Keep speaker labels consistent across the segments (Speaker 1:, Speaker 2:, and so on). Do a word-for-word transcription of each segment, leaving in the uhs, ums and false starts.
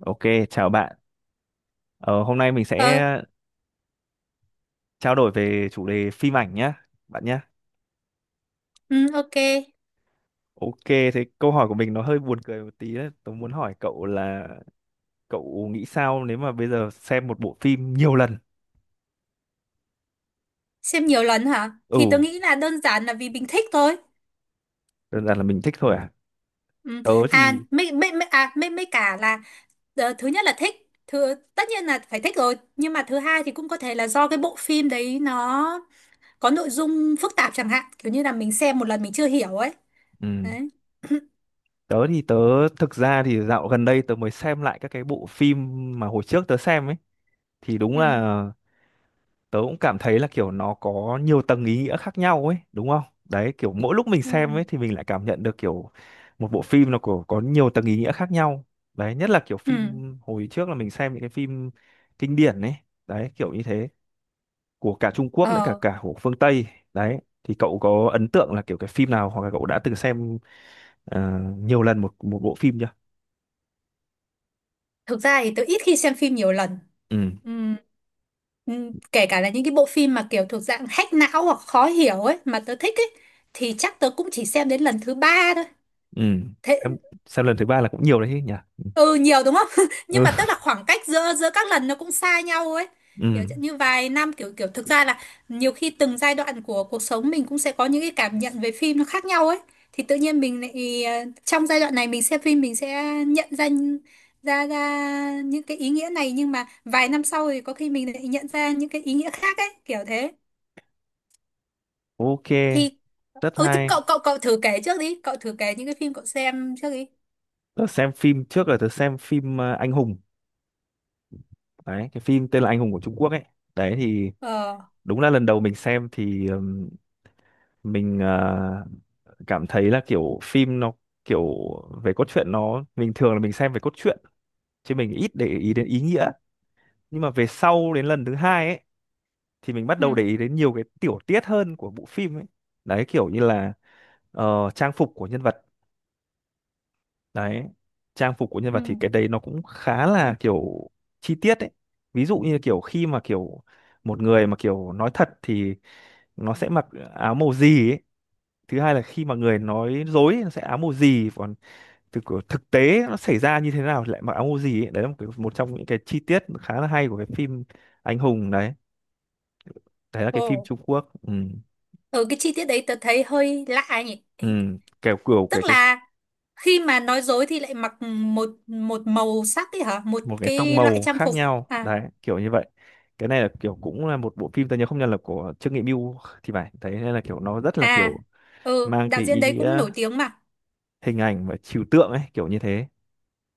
Speaker 1: Ok, chào bạn. Ờ, Hôm nay mình sẽ
Speaker 2: Ờ.
Speaker 1: trao đổi về chủ đề phim ảnh nhé, bạn nhé.
Speaker 2: Ừ, ok.
Speaker 1: Ok, thế câu hỏi của mình nó hơi buồn cười một tí đấy. Tôi muốn hỏi cậu là cậu nghĩ sao nếu mà bây giờ xem một bộ phim nhiều lần?
Speaker 2: Xem nhiều lần hả?
Speaker 1: Ừ,
Speaker 2: Thì tớ nghĩ là đơn giản là vì mình thích thôi.
Speaker 1: đơn giản là mình thích thôi à.
Speaker 2: Ừ.
Speaker 1: Tớ
Speaker 2: À,
Speaker 1: thì
Speaker 2: mấy, mấy, mấy, à, mấy, mấy cả là ờ, thứ nhất là thích. Thứ, tất nhiên là phải thích rồi. Nhưng mà thứ hai thì cũng có thể là do cái bộ phim đấy nó có nội dung phức tạp chẳng hạn. Kiểu như là mình xem một lần mình chưa hiểu ấy.
Speaker 1: ừ,
Speaker 2: Đấy.
Speaker 1: tớ thì tớ thực ra thì dạo gần đây tớ mới xem lại các cái bộ phim mà hồi trước tớ xem ấy, thì đúng
Speaker 2: Ừ.
Speaker 1: là tớ cũng cảm thấy là kiểu nó có nhiều tầng ý nghĩa khác nhau ấy, đúng không? Đấy, kiểu mỗi lúc mình
Speaker 2: Ừ.
Speaker 1: xem ấy thì mình lại cảm nhận được kiểu một bộ phim nó có có nhiều tầng ý nghĩa khác nhau đấy, nhất là kiểu
Speaker 2: Ừ.
Speaker 1: phim hồi trước là mình xem những cái phim kinh điển ấy, đấy kiểu như thế, của cả Trung Quốc lẫn cả
Speaker 2: Ờ,
Speaker 1: cả của phương Tây đấy. Thì cậu có ấn tượng là kiểu cái phim nào, hoặc là cậu đã từng xem ờ, nhiều lần một một bộ phim chưa?
Speaker 2: thực ra thì tớ ít khi xem phim nhiều lần.
Speaker 1: Ừ
Speaker 2: Ừ. Ừ, kể cả là những cái bộ phim mà kiểu thuộc dạng hack não hoặc khó hiểu ấy mà tớ thích ấy thì chắc tớ cũng chỉ xem đến lần thứ ba thôi.
Speaker 1: ừ.
Speaker 2: Thế,
Speaker 1: Xem, xem lần thứ ba là cũng nhiều đấy chứ nhỉ.
Speaker 2: ừ, nhiều đúng không? Nhưng
Speaker 1: Ừ
Speaker 2: mà tức là khoảng cách giữa giữa các lần nó cũng xa nhau ấy, kiểu
Speaker 1: ừ,
Speaker 2: như vài năm. Kiểu kiểu thực ra là nhiều khi từng giai đoạn của cuộc sống mình cũng sẽ có những cái cảm nhận về phim nó khác nhau ấy. Thì tự nhiên mình lại ờ, trong giai đoạn này mình xem phim mình sẽ nhận ra ra ra những cái ý nghĩa này, nhưng mà vài năm sau thì có khi mình lại nhận ra những cái ý nghĩa khác ấy, kiểu thế.
Speaker 1: ok,
Speaker 2: Thì
Speaker 1: rất
Speaker 2: ừ, thì
Speaker 1: hay.
Speaker 2: cậu cậu cậu thử kể trước đi, cậu thử kể những cái phim cậu xem trước đi.
Speaker 1: Tớ xem phim trước là tớ xem phim, ờ, Anh Hùng. Đấy, cái phim tên là Anh Hùng của Trung Quốc ấy, đấy thì
Speaker 2: Ờ.
Speaker 1: đúng là lần đầu mình xem thì ừm, mình ờ, cảm thấy là kiểu phim nó kiểu về cốt truyện. Nó bình thường là mình xem về cốt truyện chứ mình ít để ý đến ý nghĩa, nhưng mà về sau đến lần thứ hai ấy thì mình bắt
Speaker 2: Ừ,
Speaker 1: đầu để ý đến nhiều cái tiểu tiết hơn của bộ phim ấy. Đấy kiểu như là ờ, trang phục của nhân vật, đấy, trang phục của nhân vật
Speaker 2: ừ.
Speaker 1: thì cái đấy nó cũng khá là kiểu chi tiết ấy. Ví dụ như kiểu khi mà kiểu một người mà kiểu nói thật thì nó sẽ mặc áo màu gì ấy, thứ hai là khi mà người nói dối nó sẽ áo màu gì, còn thực thực tế nó xảy ra như thế nào thì lại mặc áo màu gì ấy. Đấy là một, cái, một trong những cái chi tiết khá là hay của cái phim Anh Hùng đấy, đấy là cái phim
Speaker 2: Ồ,
Speaker 1: Trung Quốc. Ừ.
Speaker 2: ở cái chi tiết đấy tớ thấy hơi lạ nhỉ.
Speaker 1: Ừ. kiểu kiểu cái
Speaker 2: Tức
Speaker 1: cái
Speaker 2: là khi mà nói dối thì lại mặc một một màu sắc ấy hả, một
Speaker 1: một cái tông
Speaker 2: cái loại
Speaker 1: màu
Speaker 2: trang
Speaker 1: khác
Speaker 2: phục?
Speaker 1: nhau
Speaker 2: À.
Speaker 1: đấy, kiểu như vậy. Cái này là kiểu cũng là một bộ phim, tôi nhớ không nhầm là của Trương Nghị Mưu thì phải, thấy nên là kiểu nó rất là
Speaker 2: À,
Speaker 1: kiểu
Speaker 2: ừ,
Speaker 1: mang
Speaker 2: đạo
Speaker 1: cái
Speaker 2: diễn
Speaker 1: ý
Speaker 2: đấy cũng
Speaker 1: nghĩa
Speaker 2: nổi tiếng mà.
Speaker 1: hình ảnh và trừu tượng ấy, kiểu như thế.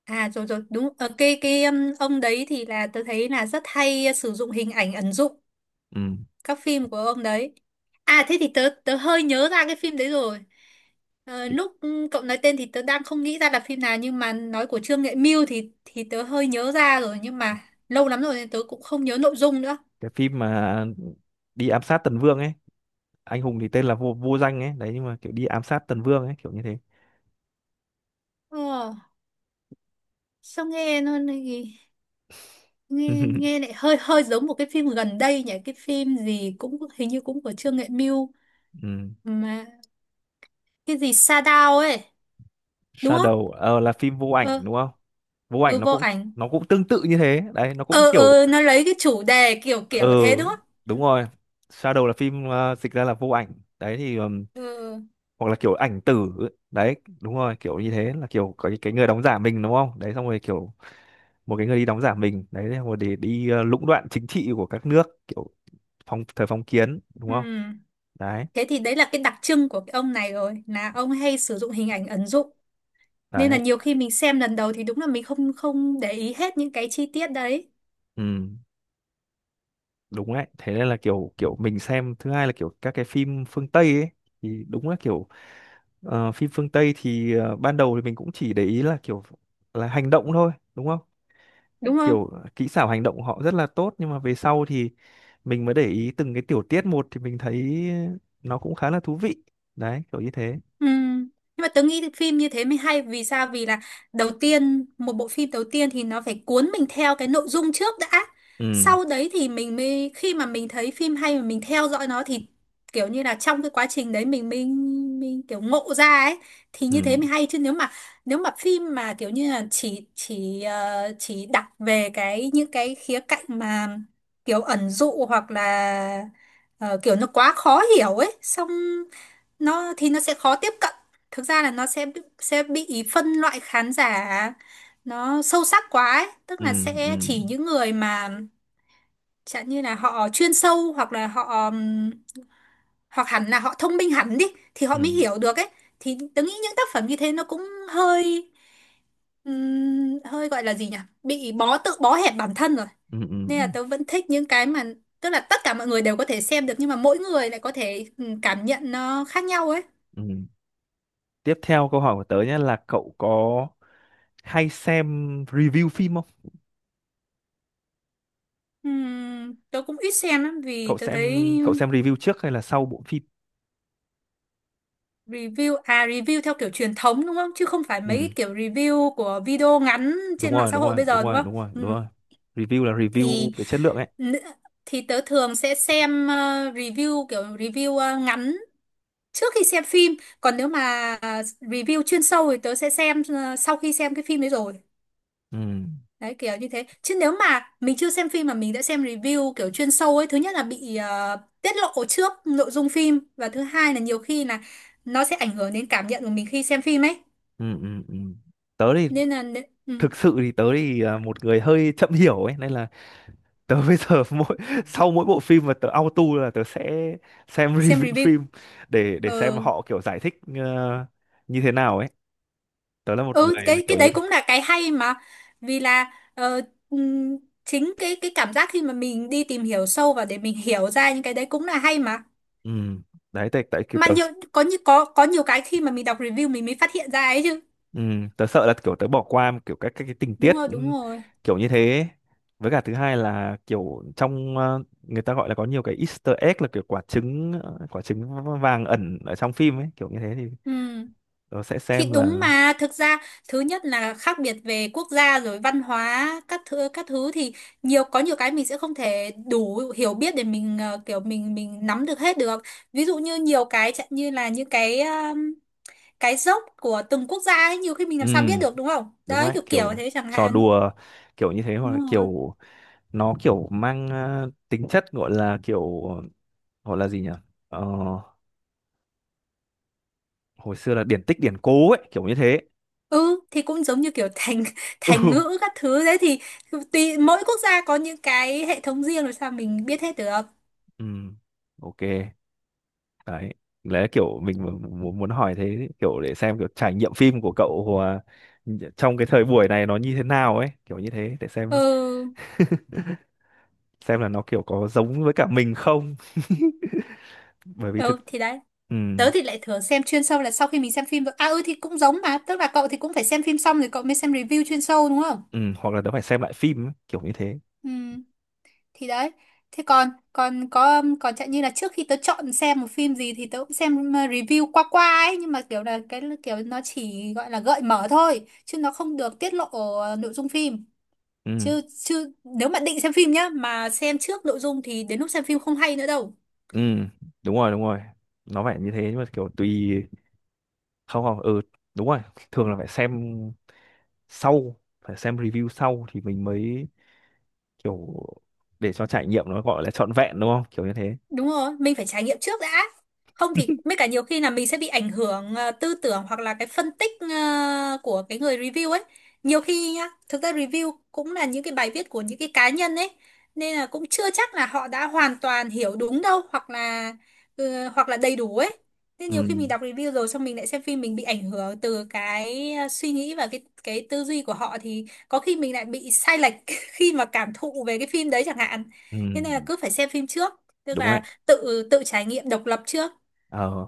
Speaker 2: À, rồi rồi, đúng. ờ cái cái um, ông đấy thì là tớ thấy là rất hay sử dụng hình ảnh ẩn dụ
Speaker 1: Ừ.
Speaker 2: các phim của ông đấy. À, thế thì tớ tớ hơi nhớ ra cái phim đấy rồi. Ờ,
Speaker 1: cái,
Speaker 2: lúc cậu nói tên thì tớ đang không nghĩ ra là phim nào, nhưng mà nói của Trương Nghệ Mưu thì thì tớ hơi nhớ ra rồi, nhưng mà lâu lắm rồi nên tớ cũng không nhớ nội dung nữa.
Speaker 1: cái phim mà đi ám sát Tần Vương ấy, Anh Hùng thì tên là vô vô danh ấy đấy, nhưng mà kiểu đi ám sát Tần Vương ấy, kiểu như thế.
Speaker 2: ờ, sao nghe nó nghe nghe nghe lại hơi hơi giống một cái phim gần đây nhỉ, cái phim gì cũng hình như cũng của Trương Nghệ Mưu
Speaker 1: Ừ.
Speaker 2: mà, cái gì Sa Đao ấy đúng không?
Speaker 1: Shadow ờ, là phim Vô Ảnh
Speaker 2: Ờ.
Speaker 1: đúng không. Vô Ảnh
Speaker 2: Ừ,
Speaker 1: nó
Speaker 2: vô
Speaker 1: cũng
Speaker 2: ảnh.
Speaker 1: nó cũng tương tự như thế đấy, nó cũng
Speaker 2: ờ
Speaker 1: kiểu.
Speaker 2: ờ nó lấy cái chủ đề kiểu
Speaker 1: Ừ,
Speaker 2: kiểu thế đúng không?
Speaker 1: đúng rồi, Shadow là phim, ờ, dịch ra là Vô Ảnh đấy. Thì ừm,
Speaker 2: ờ
Speaker 1: hoặc là kiểu Ảnh Tử ấy. Đấy, đúng rồi, kiểu như thế là kiểu có cái cái người đóng giả mình đúng không, đấy xong rồi kiểu một cái người đi đóng giả mình đấy, xong rồi để đi ờ, lũng đoạn chính trị của các nước kiểu phong thời phong kiến đúng không.
Speaker 2: Ừm,
Speaker 1: Đấy
Speaker 2: Thế thì đấy là cái đặc trưng của cái ông này rồi, là ông hay sử dụng hình ảnh ẩn dụ, nên là
Speaker 1: đấy.
Speaker 2: nhiều khi mình xem lần đầu thì đúng là mình không không để ý hết những cái chi tiết đấy
Speaker 1: Ừ, đúng đấy, thế nên là kiểu kiểu mình xem thứ hai là kiểu các cái phim phương Tây ấy, thì đúng là kiểu, ờ, phim phương Tây thì ờ, ban đầu thì mình cũng chỉ để ý là kiểu là hành động thôi đúng không,
Speaker 2: đúng không?
Speaker 1: kiểu kỹ xảo hành động của họ rất là tốt, nhưng mà về sau thì mình mới để ý từng cái tiểu tiết một thì mình thấy nó cũng khá là thú vị đấy, kiểu như thế.
Speaker 2: Ừ. Nhưng mà tớ nghĩ phim như thế mới hay. Vì sao? Vì là đầu tiên một bộ phim, đầu tiên thì nó phải cuốn mình theo cái nội dung trước đã.
Speaker 1: Ừ
Speaker 2: Sau đấy thì mình mới, khi mà mình thấy phim hay mà mình theo dõi nó, thì kiểu như là trong cái quá trình đấy mình mình mình kiểu ngộ ra ấy. Thì như thế
Speaker 1: ừ
Speaker 2: mới hay, chứ nếu mà nếu mà phim mà kiểu như là chỉ chỉ ờ, chỉ đặt về cái những cái khía cạnh mà kiểu ẩn dụ, hoặc là ờ, kiểu nó quá khó hiểu ấy, xong nó thì nó sẽ khó tiếp cận. Thực ra là nó sẽ sẽ bị phân loại khán giả, nó sâu sắc quá ấy. Tức
Speaker 1: ừ
Speaker 2: là
Speaker 1: ừ
Speaker 2: sẽ chỉ những người mà chẳng như là họ chuyên sâu hoặc là họ ừm, hoặc hẳn là họ thông minh hẳn đi thì họ
Speaker 1: ừ
Speaker 2: mới hiểu được ấy. Thì tớ nghĩ những tác phẩm như thế nó cũng hơi, ừm, hơi gọi là gì nhỉ, bị bó tự bó hẹp bản thân rồi.
Speaker 1: ừ ừ
Speaker 2: Nên
Speaker 1: ừ
Speaker 2: là tớ vẫn thích những cái mà tức là tất cả mọi người đều có thể xem được, nhưng mà mỗi người lại có thể ừm, cảm nhận nó khác nhau ấy.
Speaker 1: ừ. Tiếp theo câu hỏi của tớ nhé, là cậu có hay xem review phim không?
Speaker 2: Ừm, tớ cũng ít xem lắm vì
Speaker 1: Cậu
Speaker 2: tớ
Speaker 1: xem,
Speaker 2: thấy
Speaker 1: cậu xem review trước hay là sau bộ phim?
Speaker 2: review à, review theo kiểu truyền thống đúng không, chứ không phải
Speaker 1: Ừ.
Speaker 2: mấy cái kiểu review của video ngắn
Speaker 1: Đúng
Speaker 2: trên mạng
Speaker 1: rồi,
Speaker 2: xã
Speaker 1: đúng
Speaker 2: hội
Speaker 1: rồi,
Speaker 2: bây
Speaker 1: đúng
Speaker 2: giờ đúng
Speaker 1: rồi,
Speaker 2: không?
Speaker 1: đúng rồi, đúng
Speaker 2: Ừm,
Speaker 1: rồi, review là review
Speaker 2: thì
Speaker 1: về chất lượng ấy.
Speaker 2: nữ- thì tớ thường sẽ xem ờ, review kiểu review ờ, ngắn trước khi xem phim. Còn nếu mà ờ, review chuyên sâu thì tớ sẽ xem ờ, sau khi xem cái phim đấy rồi.
Speaker 1: Ừ
Speaker 2: Đấy kiểu như thế. Chứ nếu mà mình chưa xem phim mà mình đã xem review kiểu chuyên sâu ấy, thứ nhất là bị ờ, tiết lộ trước nội dung phim, và thứ hai là nhiều khi là nó sẽ ảnh hưởng đến cảm nhận của mình khi xem phim ấy.
Speaker 1: ừ ừ ừ. tớ thì
Speaker 2: Nên là nế- ừ,
Speaker 1: Thực sự thì tớ thì à, một người hơi chậm hiểu ấy, nên là tớ bây giờ mỗi sau mỗi bộ phim mà tớ auto là tớ sẽ xem
Speaker 2: xem
Speaker 1: review
Speaker 2: review.
Speaker 1: phim để để xem
Speaker 2: Ừ.
Speaker 1: họ kiểu giải thích ờ, như thế nào ấy. Tớ là một
Speaker 2: ừ
Speaker 1: người
Speaker 2: cái cái
Speaker 1: kiểu như
Speaker 2: đấy
Speaker 1: thế.
Speaker 2: cũng là cái hay mà. Vì là ờ, ừm, chính cái cái cảm giác khi mà mình đi tìm hiểu sâu và để mình hiểu ra những cái đấy cũng là hay mà.
Speaker 1: Ừ. Đấy, tại tại kiểu
Speaker 2: Mà
Speaker 1: tớ.
Speaker 2: nhiều có như có có nhiều cái khi mà mình đọc review mình mới phát hiện ra ấy chứ.
Speaker 1: Ừ. Tớ sợ là kiểu tớ bỏ qua kiểu các các cái tình tiết
Speaker 2: Đúng rồi,
Speaker 1: ừ,
Speaker 2: đúng rồi.
Speaker 1: kiểu như thế ấy. Với cả thứ hai là kiểu trong, ờ, người ta gọi là có nhiều cái Easter egg, là kiểu quả trứng, ờ, quả trứng vàng ẩn ở trong phim ấy, kiểu như thế thì
Speaker 2: Ừ.
Speaker 1: tớ sẽ
Speaker 2: Thì
Speaker 1: xem.
Speaker 2: đúng
Speaker 1: Là
Speaker 2: mà. Thực ra thứ nhất là khác biệt về quốc gia rồi văn hóa các thứ các thứ, thì nhiều có nhiều cái mình sẽ không thể đủ hiểu biết để mình ờ, kiểu mình mình nắm được hết được. Ví dụ như nhiều cái chẳng như là những cái um, cái dốc của từng quốc gia ấy, nhiều khi mình
Speaker 1: ừ,
Speaker 2: làm sao biết được đúng không?
Speaker 1: đúng
Speaker 2: Đấy
Speaker 1: đấy,
Speaker 2: kiểu kiểu
Speaker 1: kiểu
Speaker 2: thế chẳng
Speaker 1: trò
Speaker 2: hạn.
Speaker 1: đùa kiểu như thế, hoặc là
Speaker 2: Đúng rồi.
Speaker 1: kiểu nó kiểu mang ờ, tính chất gọi là kiểu, gọi là gì nhỉ? Ờ, Hồi xưa là điển tích điển cố ấy, kiểu như thế.
Speaker 2: Ừ, thì cũng giống như kiểu thành thành
Speaker 1: Ừ
Speaker 2: ngữ các thứ đấy, thì tùy mỗi quốc gia có những cái hệ thống riêng rồi sao mình biết hết được.
Speaker 1: ừ, ok. Đấy, lẽ kiểu mình mu- muốn muốn hỏi thế, kiểu để xem kiểu trải nghiệm phim của cậu à, trong cái thời buổi này nó như thế nào ấy, kiểu như thế, để xem
Speaker 2: Ừ.
Speaker 1: xem là nó kiểu có giống với cả mình không. Bởi vì thực,
Speaker 2: Ừ, thì đấy.
Speaker 1: ừ
Speaker 2: Tớ thì lại thường xem chuyên sâu là sau khi mình xem phim rồi. À, ừ, thì cũng giống mà, tức là cậu thì cũng phải xem phim xong rồi cậu mới xem review chuyên sâu đúng không?
Speaker 1: ừ, hoặc là nó phải xem lại phim ấy, kiểu như thế.
Speaker 2: Ừ, thì đấy. Thế còn còn có còn chẳng như là trước khi tớ chọn xem một phim gì thì tớ cũng xem ờ, review qua qua ấy, nhưng mà kiểu là cái kiểu nó chỉ gọi là gợi mở thôi, chứ nó không được tiết lộ ờ, nội dung phim.
Speaker 1: Ừ.
Speaker 2: Chứ chứ nếu mà định xem phim nhá mà xem trước nội dung thì đến lúc xem phim không hay nữa đâu.
Speaker 1: Ừ, đúng rồi, đúng rồi. Nó phải như thế, nhưng mà kiểu tùy. Không, không. Ừ, đúng rồi, thường là phải xem sau, phải xem review sau thì mình mới kiểu, để cho trải nghiệm nó gọi là trọn vẹn đúng không? Kiểu như thế.
Speaker 2: Đúng rồi, mình phải trải nghiệm trước đã. Không thì mấy cả nhiều khi là mình sẽ bị ảnh hưởng ờ, tư tưởng, hoặc là cái phân tích ờ, của cái người review ấy. Nhiều khi nhá, thực ra review cũng là những cái bài viết của những cái cá nhân ấy. Nên là cũng chưa chắc là họ đã hoàn toàn hiểu đúng đâu, hoặc là ờ, hoặc là đầy đủ ấy. Nên
Speaker 1: Ừ,
Speaker 2: nhiều khi mình đọc review rồi xong mình lại xem phim, mình bị ảnh hưởng từ cái ờ, suy nghĩ và cái cái tư duy của họ, thì có khi mình lại bị sai lệch khi mà cảm thụ về cái phim đấy chẳng hạn.
Speaker 1: ừ,
Speaker 2: Thế nên là cứ phải xem phim trước. Tức
Speaker 1: đúng đấy.
Speaker 2: là tự tự trải nghiệm độc lập trước.
Speaker 1: Ờ,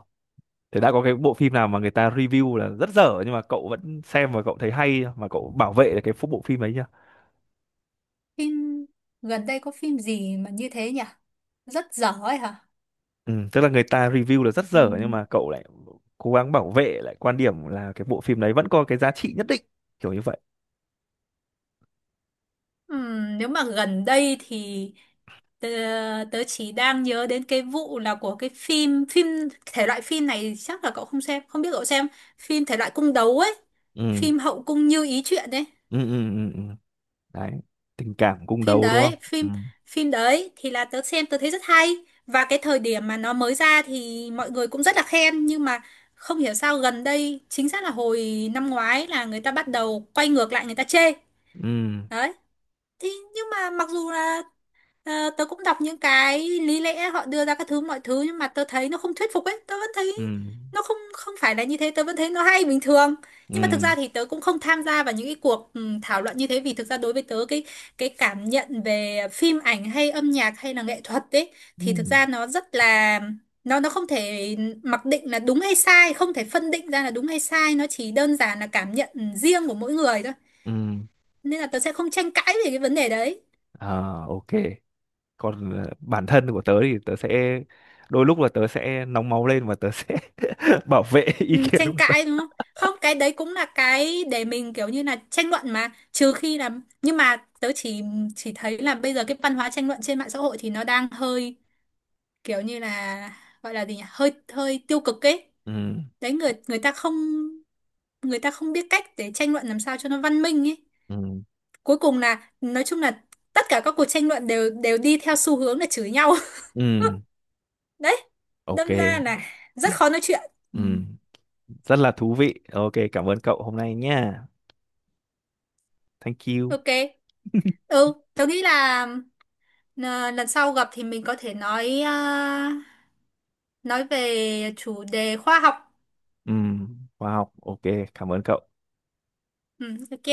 Speaker 1: Thế đã có cái bộ phim nào mà người ta review là rất dở nhưng mà cậu vẫn xem và cậu thấy hay chưa? Mà cậu bảo vệ được cái phô- bộ phim ấy chưa?
Speaker 2: Phim gần đây có phim gì mà như thế nhỉ, rất dở ấy hả?
Speaker 1: Ừ, tức là người ta review là rất dở nhưng
Speaker 2: Ừm,
Speaker 1: mà cậu lại cố gắng bảo vệ lại quan điểm là cái bộ phim đấy vẫn có cái giá trị nhất định, kiểu như vậy.
Speaker 2: ừm, nếu mà gần đây thì tớ, tớ chỉ đang nhớ đến cái vụ là của cái phim phim thể loại phim này, chắc là cậu không xem không biết, cậu xem phim thể loại cung đấu ấy,
Speaker 1: Ừ
Speaker 2: phim hậu cung như ý chuyện ấy.
Speaker 1: ừ ừ ừ ừ. Đấy, tình cảm cung
Speaker 2: phim
Speaker 1: đấu đúng không.
Speaker 2: đấy
Speaker 1: Ừ
Speaker 2: phim phim đấy thì là tớ xem tớ thấy rất hay, và cái thời điểm mà nó mới ra thì mọi người cũng rất là khen, nhưng mà không hiểu sao gần đây, chính xác là hồi năm ngoái, là người ta bắt đầu quay ngược lại người ta chê.
Speaker 1: ừ
Speaker 2: Đấy, thì nhưng mà mặc dù là Ờ, tớ cũng đọc những cái lý lẽ họ đưa ra các thứ mọi thứ, nhưng mà tớ thấy nó không thuyết phục ấy, tớ vẫn thấy
Speaker 1: ừ
Speaker 2: nó không không phải là như thế, tớ vẫn thấy nó hay bình thường. Nhưng mà thực
Speaker 1: ừ
Speaker 2: ra thì tớ cũng không tham gia vào những cái cuộc ừ, thảo luận như thế, vì thực ra đối với tớ cái cái cảm nhận về phim ảnh hay âm nhạc hay là nghệ thuật ấy, thì thực
Speaker 1: ừ
Speaker 2: ra nó rất là, nó nó không thể mặc định là đúng hay sai, không thể phân định ra là đúng hay sai, nó chỉ đơn giản là cảm nhận riêng của mỗi người thôi.
Speaker 1: ừ.
Speaker 2: Nên là tớ sẽ không tranh cãi về cái vấn đề đấy.
Speaker 1: à, ok. Còn ờ, bản thân của tớ thì tớ sẽ, đôi lúc là tớ sẽ nóng máu lên và tớ sẽ bảo vệ ý
Speaker 2: Ừ,
Speaker 1: kiến
Speaker 2: tranh
Speaker 1: của-
Speaker 2: cãi đúng không? Không, cái đấy cũng là cái để mình kiểu như là tranh luận mà, trừ khi là, nhưng mà tớ chỉ chỉ thấy là bây giờ cái văn hóa tranh luận trên mạng xã hội thì nó đang hơi kiểu như là, gọi là gì nhỉ, hơi hơi tiêu cực ấy.
Speaker 1: Ừ
Speaker 2: Đấy, người người ta không, người ta không biết cách để tranh luận làm sao cho nó văn minh ấy.
Speaker 1: ừ
Speaker 2: Cuối cùng là nói chung là tất cả các cuộc tranh luận đều đều đi theo xu hướng là chửi nhau.
Speaker 1: ừ,
Speaker 2: Đấy,
Speaker 1: ok.
Speaker 2: đâm ra là rất khó nói chuyện. Ừ.
Speaker 1: Ừ, rất là thú vị, ok, cảm ơn cậu hôm nay nha. Thank you.
Speaker 2: Ok. Ừ, tớ nghĩ là N- lần sau gặp thì mình có thể nói à, nói về chủ đề khoa học.
Speaker 1: Ừ, khoa học, ok, cảm ơn cậu.
Speaker 2: Ừ, ok.